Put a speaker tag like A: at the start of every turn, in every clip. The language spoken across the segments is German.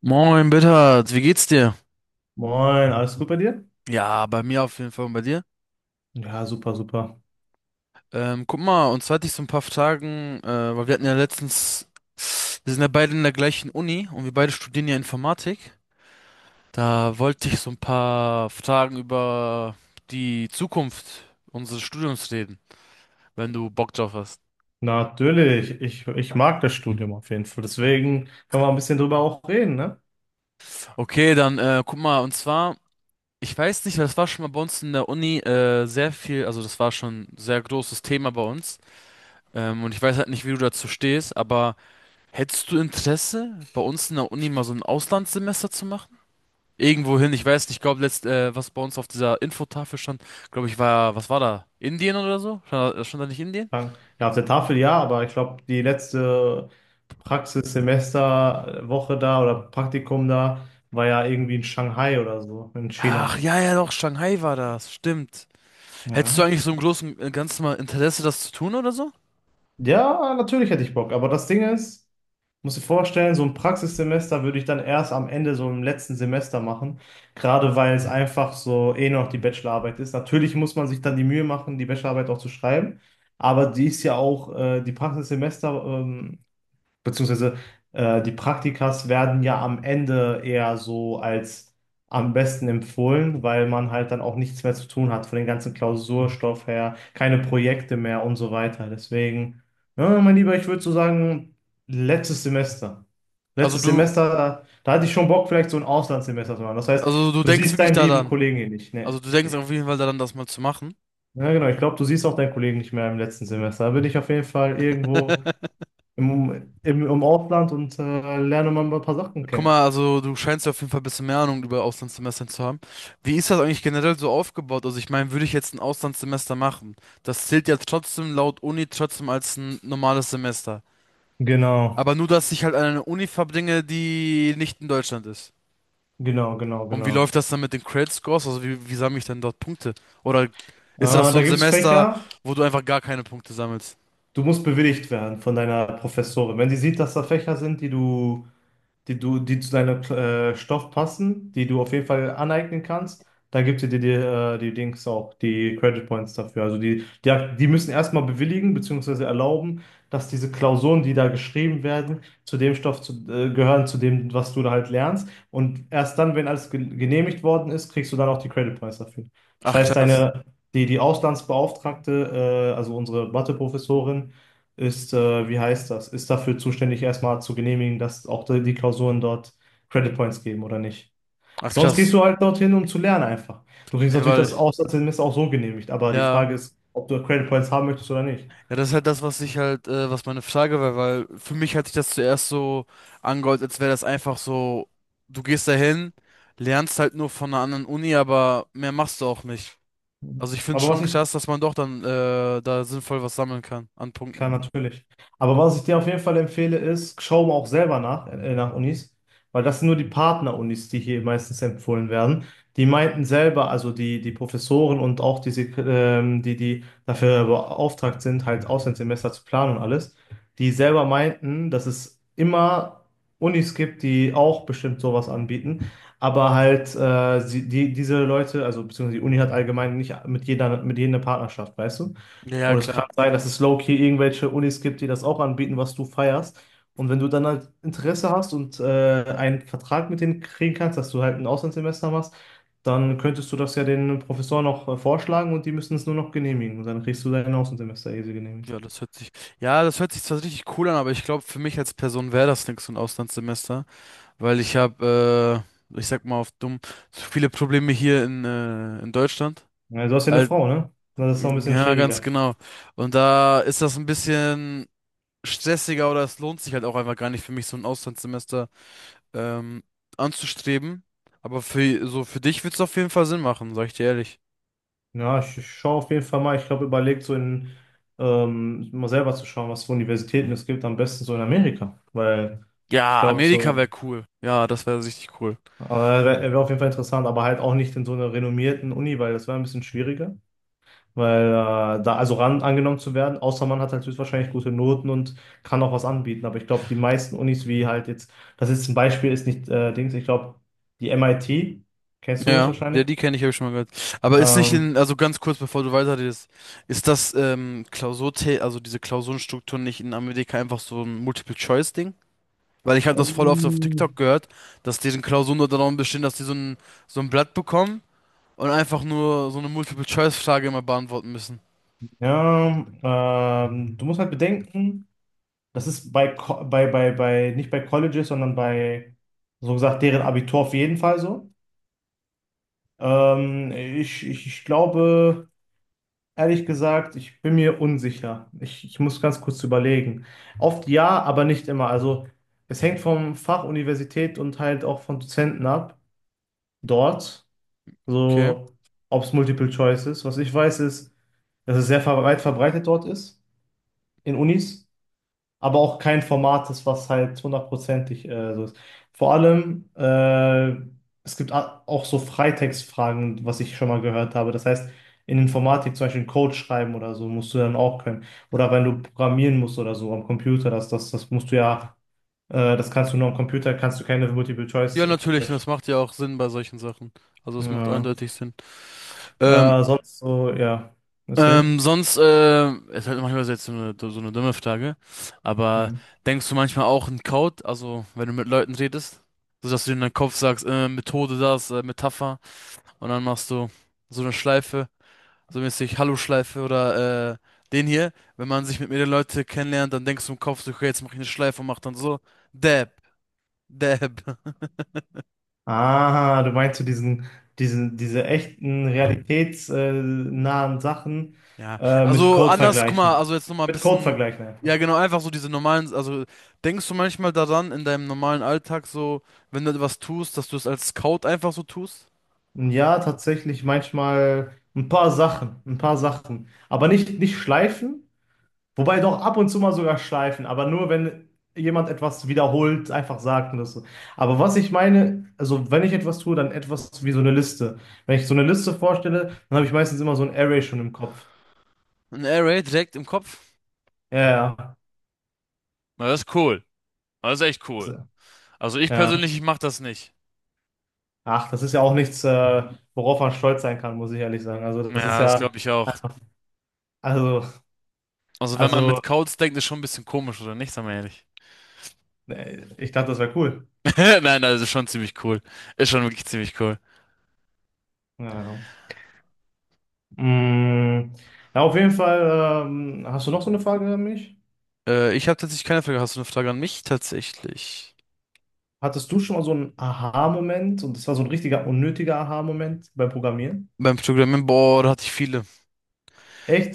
A: Moin, Bittert, wie geht's dir?
B: Moin, alles gut bei dir?
A: Ja, bei mir auf jeden Fall und bei dir.
B: Ja, super, super.
A: Guck mal, und zwar hatte ich so ein paar Fragen, weil wir hatten ja letztens, wir sind ja beide in der gleichen Uni und wir beide studieren ja Informatik. Da wollte ich so ein paar Fragen über die Zukunft unseres Studiums reden, wenn du Bock drauf hast.
B: Natürlich, ich mag das Studium auf jeden Fall. Deswegen können wir ein bisschen drüber auch reden, ne?
A: Okay, dann guck mal, und zwar, ich weiß nicht, weil das war schon mal bei uns in der Uni sehr viel, also das war schon ein sehr großes Thema bei uns. Und ich weiß halt nicht, wie du dazu stehst, aber hättest du Interesse, bei uns in der Uni mal so ein Auslandssemester zu machen? Irgendwohin, ich weiß nicht, ich glaube, was bei uns auf dieser Infotafel stand, glaube ich, war, was war da? Indien oder so? Stand da nicht Indien?
B: Sagen, ja, auf der Tafel ja, aber ich glaube, die letzte Praxissemesterwoche da oder Praktikum da war ja irgendwie in Shanghai oder so, in
A: Ach,
B: China.
A: ja, ja, doch, Shanghai war das, stimmt. Hättest du
B: Ja.
A: eigentlich so im Großen und Ganzen mal Interesse, das zu tun oder so?
B: Ja, natürlich hätte ich Bock, aber das Ding ist, musst du dir vorstellen, so ein Praxissemester würde ich dann erst am Ende, so im letzten Semester machen, gerade weil es einfach so eh noch die Bachelorarbeit ist. Natürlich muss man sich dann die Mühe machen, die Bachelorarbeit auch zu schreiben, aber die ist ja auch, die Praxissemester, beziehungsweise die Praktikas werden ja am Ende eher so als am besten empfohlen, weil man halt dann auch nichts mehr zu tun hat von den ganzen Klausurstoff her, keine Projekte mehr und so weiter. Deswegen, ja, mein Lieber, ich würde so sagen, letztes Semester.
A: Also
B: Letztes
A: du,
B: Semester, da hatte ich schon Bock, vielleicht so ein Auslandssemester zu machen. Das heißt,
A: also du
B: du
A: denkst
B: siehst
A: wirklich
B: deinen lieben
A: daran.
B: Kollegen hier nicht. Ne?
A: Also du denkst auf jeden Fall daran, das mal zu machen.
B: Ja, genau, ich glaube, du siehst auch deinen Kollegen nicht mehr im letzten Semester. Da bin ich auf jeden Fall irgendwo im Ausland und lerne mal ein paar Sachen
A: Guck
B: kennen.
A: mal, also du scheinst ja auf jeden Fall ein bisschen mehr Ahnung über Auslandssemestern zu haben. Wie ist das eigentlich generell so aufgebaut? Also ich meine, würde ich jetzt ein Auslandssemester machen, das zählt ja trotzdem laut Uni trotzdem als ein normales Semester.
B: Genau,
A: Aber nur, dass ich halt an eine Uni verbringe, die nicht in Deutschland ist.
B: genau, genau,
A: Und wie läuft
B: genau.
A: das dann mit den Credit Scores? Also wie sammle ich dann dort Punkte? Oder
B: Äh,
A: ist das so
B: Da
A: ein
B: gibt es
A: Semester,
B: Fächer.
A: wo du einfach gar keine Punkte sammelst?
B: Du musst bewilligt werden von deiner Professorin. Wenn sie sieht, dass da Fächer sind, die zu deinem Stoff passen, die du auf jeden Fall aneignen kannst, dann gibt sie dir die, die Dings auch, die Credit Points dafür. Also die müssen erstmal bewilligen bzw. erlauben, dass diese Klausuren, die da geschrieben werden, zu dem Stoff zu, gehören, zu dem, was du da halt lernst. Und erst dann, wenn alles genehmigt worden ist, kriegst du dann auch die Credit Points dafür. Das
A: Ach
B: heißt,
A: krass.
B: deine die Auslandsbeauftragte, also unsere Matheprofessorin, ist, wie heißt das, ist dafür zuständig, erstmal zu genehmigen, dass auch die Klausuren dort Credit Points geben oder nicht.
A: Ach
B: Sonst gehst
A: krass.
B: du halt dorthin, um zu lernen einfach. Du kriegst
A: Nee,
B: natürlich
A: weil,
B: das Auslandssemester auch so genehmigt, aber die
A: ja.
B: Frage ist, ob du Credit Points haben möchtest oder nicht.
A: Ja, das ist halt das, was ich halt, was meine Frage war, weil für mich hat sich das zuerst so angehört, als wäre das einfach so, du gehst dahin, lernst halt nur von einer anderen Uni, aber mehr machst du auch nicht. Also ich finde
B: Aber
A: schon
B: was ich,
A: krass, dass man doch dann da sinnvoll was sammeln kann an
B: klar,
A: Punkten.
B: natürlich. Aber was ich dir auf jeden Fall empfehle, ist, schau mal auch selber nach, nach Unis, weil das sind nur die Partner-Unis, die hier meistens empfohlen werden. Die meinten selber, also die Professoren und auch diese, die dafür beauftragt sind, halt Auslandssemester zu planen und alles, die selber meinten, dass es immer Unis gibt, die auch bestimmt sowas anbieten, aber halt diese Leute, also beziehungsweise die Uni hat allgemein nicht mit jeder, mit jeder eine Partnerschaft, weißt du?
A: Ja, ja,
B: Und es
A: klar.
B: kann sein, dass es low-key irgendwelche Unis gibt, die das auch anbieten, was du feierst. Und wenn du dann halt Interesse hast und einen Vertrag mit denen kriegen kannst, dass du halt ein Auslandssemester machst, dann könntest du das ja den Professoren noch vorschlagen und die müssen es nur noch genehmigen. Und dann kriegst du dein Auslandssemester easy genehmigt.
A: Ja, das hört sich, ja, das hört sich zwar richtig cool an, aber ich glaube, für mich als Person wäre das nichts, so ein Auslandssemester, weil ich sag mal auf dumm, zu viele Probleme hier in Deutschland.
B: Ja, du hast ja eine Frau, ne? Das ist noch ein bisschen
A: Ja, ganz
B: schwieriger.
A: genau. Und da ist das ein bisschen stressiger oder es lohnt sich halt auch einfach gar nicht für mich, so ein Auslandssemester ähm, anzustreben. Aber für so für dich wird's auf jeden Fall Sinn machen, sag ich dir ehrlich.
B: Ja, ich schaue auf jeden Fall mal. Ich glaube, überlegt so in, mal selber zu schauen, was für Universitäten es gibt, am besten so in Amerika. Weil ich
A: Ja,
B: glaube,
A: Amerika wäre
B: so.
A: cool. Ja, das wäre richtig cool.
B: Aber wäre auf jeden Fall interessant, aber halt auch nicht in so einer renommierten Uni, weil das wäre ein bisschen schwieriger, weil da also ran angenommen zu werden, außer man hat halt höchstwahrscheinlich gute Noten und kann auch was anbieten. Aber ich glaube, die meisten Unis, wie halt jetzt, das ist ein Beispiel, ist nicht Dings, ich glaube, die MIT, kennst du
A: Ja, der
B: höchstwahrscheinlich.
A: die kenne ich, habe ich schon mal gehört. Aber ist nicht
B: Ähm,
A: in, also ganz kurz, bevor du weiterredest, ist das also diese Klausurenstruktur nicht in Amerika einfach so ein Multiple-Choice-Ding? Weil ich habe das voll oft auf TikTok
B: ähm,
A: gehört, dass deren Klausuren nur darum bestehen, dass so ein Blatt bekommen und einfach nur so eine Multiple-Choice-Frage immer beantworten müssen.
B: ja, du musst halt bedenken, das ist bei, nicht bei Colleges, sondern bei, so gesagt, deren Abitur auf jeden Fall so. Ich glaube, ehrlich gesagt, ich bin mir unsicher. Ich muss ganz kurz überlegen. Oft ja, aber nicht immer. Also es hängt vom Fach, Universität und halt auch von Dozenten ab. Dort,
A: Okay.
B: so ob es Multiple Choice ist. Was ich weiß, ist, dass es sehr weit verbreitet dort ist, in Unis aber auch kein Format ist, was halt hundertprozentig so ist. Vor allem, es gibt auch so Freitextfragen, was ich schon mal gehört habe. Das heißt, in Informatik zum Beispiel einen Code schreiben oder so, musst du dann auch können. Oder wenn du programmieren musst oder so am Computer, das musst du ja, das kannst du nur am Computer, kannst du keine
A: Ja, natürlich,
B: Multiple-Choice-Question.
A: das macht ja auch Sinn bei solchen Sachen. Also es macht
B: Ja.
A: eindeutig Sinn. Ähm,
B: Sonst so, ja, erzähl.
A: sonst, ist halt manchmal jetzt so eine dumme Frage, aber
B: Hm.
A: denkst du manchmal auch in Code, also wenn du mit Leuten redest, so dass du in deinem Kopf sagst, Methode das, Metapher und dann machst du so eine Schleife, so mäßig Hallo-Schleife oder den hier. Wenn man sich mit mehreren Leuten kennenlernt, dann denkst du im Kopf so, okay, jetzt mach ich eine Schleife und mach dann so, Dab, Dab.
B: Ah, du meinst so diese echten, realitätsnahen Sachen
A: Ja,
B: mit
A: also
B: Code
A: anders, guck mal,
B: vergleichen.
A: also jetzt nochmal ein
B: Mit Code
A: bisschen,
B: vergleichen einfach.
A: ja genau, einfach so diese normalen, also denkst du manchmal daran in deinem normalen Alltag so, wenn du etwas tust, dass du es als Scout einfach so tust?
B: Ja, tatsächlich manchmal ein paar Sachen, ein paar Sachen. Aber nicht, nicht schleifen, wobei doch ab und zu mal sogar schleifen, aber nur wenn jemand etwas wiederholt, einfach sagt und das so. Aber was ich meine, also wenn ich etwas tue, dann etwas wie so eine Liste. Wenn ich so eine Liste vorstelle, dann habe ich meistens immer so ein Array schon im Kopf.
A: Ein Air Raid direkt im Kopf?
B: Ja,
A: Na, das ist cool. Das ist echt cool.
B: ja.
A: Also ich
B: Ja.
A: persönlich, ich mach das nicht.
B: Ach, das ist ja auch nichts, worauf man stolz sein kann, muss ich ehrlich sagen. Also das ist
A: Ja, das
B: ja,
A: glaube ich auch.
B: also,
A: Also wenn man mit
B: also,
A: Codes denkt, ist schon ein bisschen komisch, oder nicht? Sag mal ehrlich.
B: ich dachte, das wäre cool.
A: Nein, das ist schon ziemlich cool. Ist schon wirklich ziemlich cool.
B: Ja, ja. Mm, ja, auf jeden Fall, hast du noch so eine Frage an mich?
A: Ich habe tatsächlich keine Frage. Hast du eine Frage an mich tatsächlich?
B: Hattest du schon mal so einen Aha-Moment und das war so ein richtiger unnötiger Aha-Moment beim Programmieren?
A: Beim Programmieren, boah, da hatte ich viele.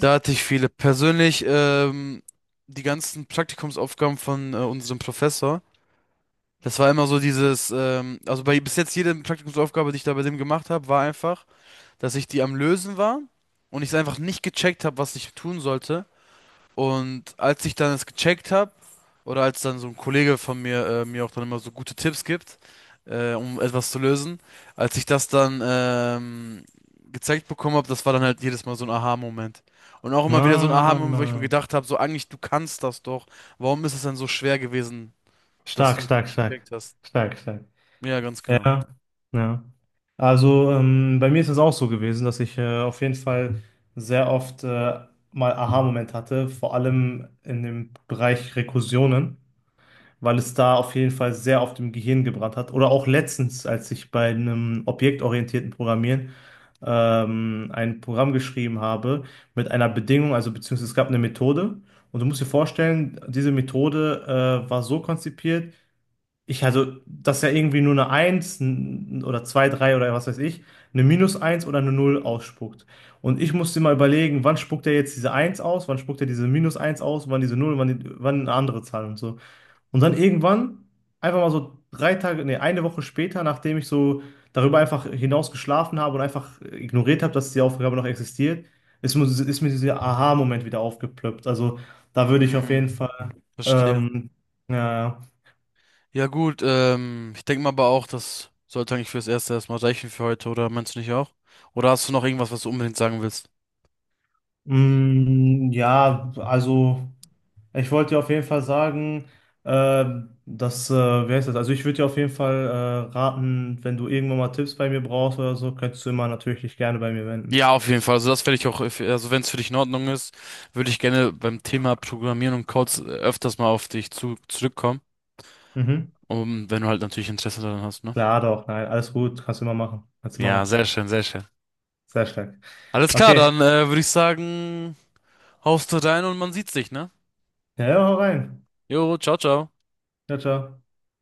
A: Da hatte ich viele. Persönlich, die ganzen Praktikumsaufgaben von unserem Professor, das war immer so dieses, also bei bis jetzt jede Praktikumsaufgabe, die ich da bei dem gemacht habe, war einfach, dass ich die am Lösen war und ich es einfach nicht gecheckt habe, was ich tun sollte. Und als ich dann es gecheckt habe, oder als dann so ein Kollege von mir mir auch dann immer so gute Tipps gibt, um etwas zu lösen, als ich das dann gezeigt bekommen habe, das war dann halt jedes Mal so ein Aha-Moment. Und auch immer wieder so ein
B: Ah,
A: Aha-Moment, wo ich mir gedacht habe, so eigentlich, du kannst das doch. Warum ist es denn so schwer gewesen, dass
B: stark,
A: du es
B: stark,
A: nicht
B: stark,
A: gecheckt hast?
B: stark, stark.
A: Ja, ganz genau.
B: Ja, ja. Also bei mir ist es auch so gewesen, dass ich auf jeden Fall sehr oft mal Aha-Moment hatte, vor allem in dem Bereich Rekursionen, weil es da auf jeden Fall sehr oft im Gehirn gebrannt hat. Oder auch letztens, als ich bei einem objektorientierten Programmieren ein Programm geschrieben habe mit einer Bedingung, also beziehungsweise es gab eine Methode. Und du musst dir vorstellen, diese Methode war so konzipiert, dass ja irgendwie nur eine eins oder 2 3 oder was weiß ich, eine minus eins oder eine null ausspuckt. Und ich musste mal überlegen, wann spuckt er jetzt diese eins aus, wann spuckt er diese minus eins aus, wann diese null wann, wann eine andere Zahl und so. Und dann irgendwann, einfach mal so drei Tage, nee, eine Woche später, nachdem ich so darüber einfach hinaus geschlafen habe und einfach ignoriert habe, dass die Aufgabe noch existiert, ist mir dieser Aha-Moment wieder aufgeplöppt. Also, da würde ich auf
A: Mm,
B: jeden Fall,
A: verstehe.
B: ähm, ja.
A: Ja gut, ich denke mal aber auch, das sollte eigentlich fürs Erste erstmal reichen für heute, oder meinst du nicht auch? Oder hast du noch irgendwas, was du unbedingt sagen willst?
B: Mm, ja, also ich wollte dir auf jeden Fall sagen, äh, dass, wer ist das? Also ich würde dir auf jeden Fall raten, wenn du irgendwann mal Tipps bei mir brauchst oder so, könntest du immer natürlich dich gerne bei mir wenden.
A: Ja, auf jeden Fall. Also das werde ich auch, also wenn es für dich in Ordnung ist, würde ich gerne beim Thema Programmieren und Codes öfters mal zurückkommen.
B: Mhm.
A: Und wenn du halt natürlich Interesse daran hast, ne?
B: Klar doch, nein, alles gut, kannst du immer machen. Kannst du immer
A: Ja,
B: machen.
A: sehr schön, sehr schön.
B: Sehr stark.
A: Alles klar,
B: Okay,
A: dann würde ich sagen, haust du rein und man sieht sich, ne?
B: ja, ja, hau rein.
A: Jo, ciao, ciao.
B: Ciao, ciao.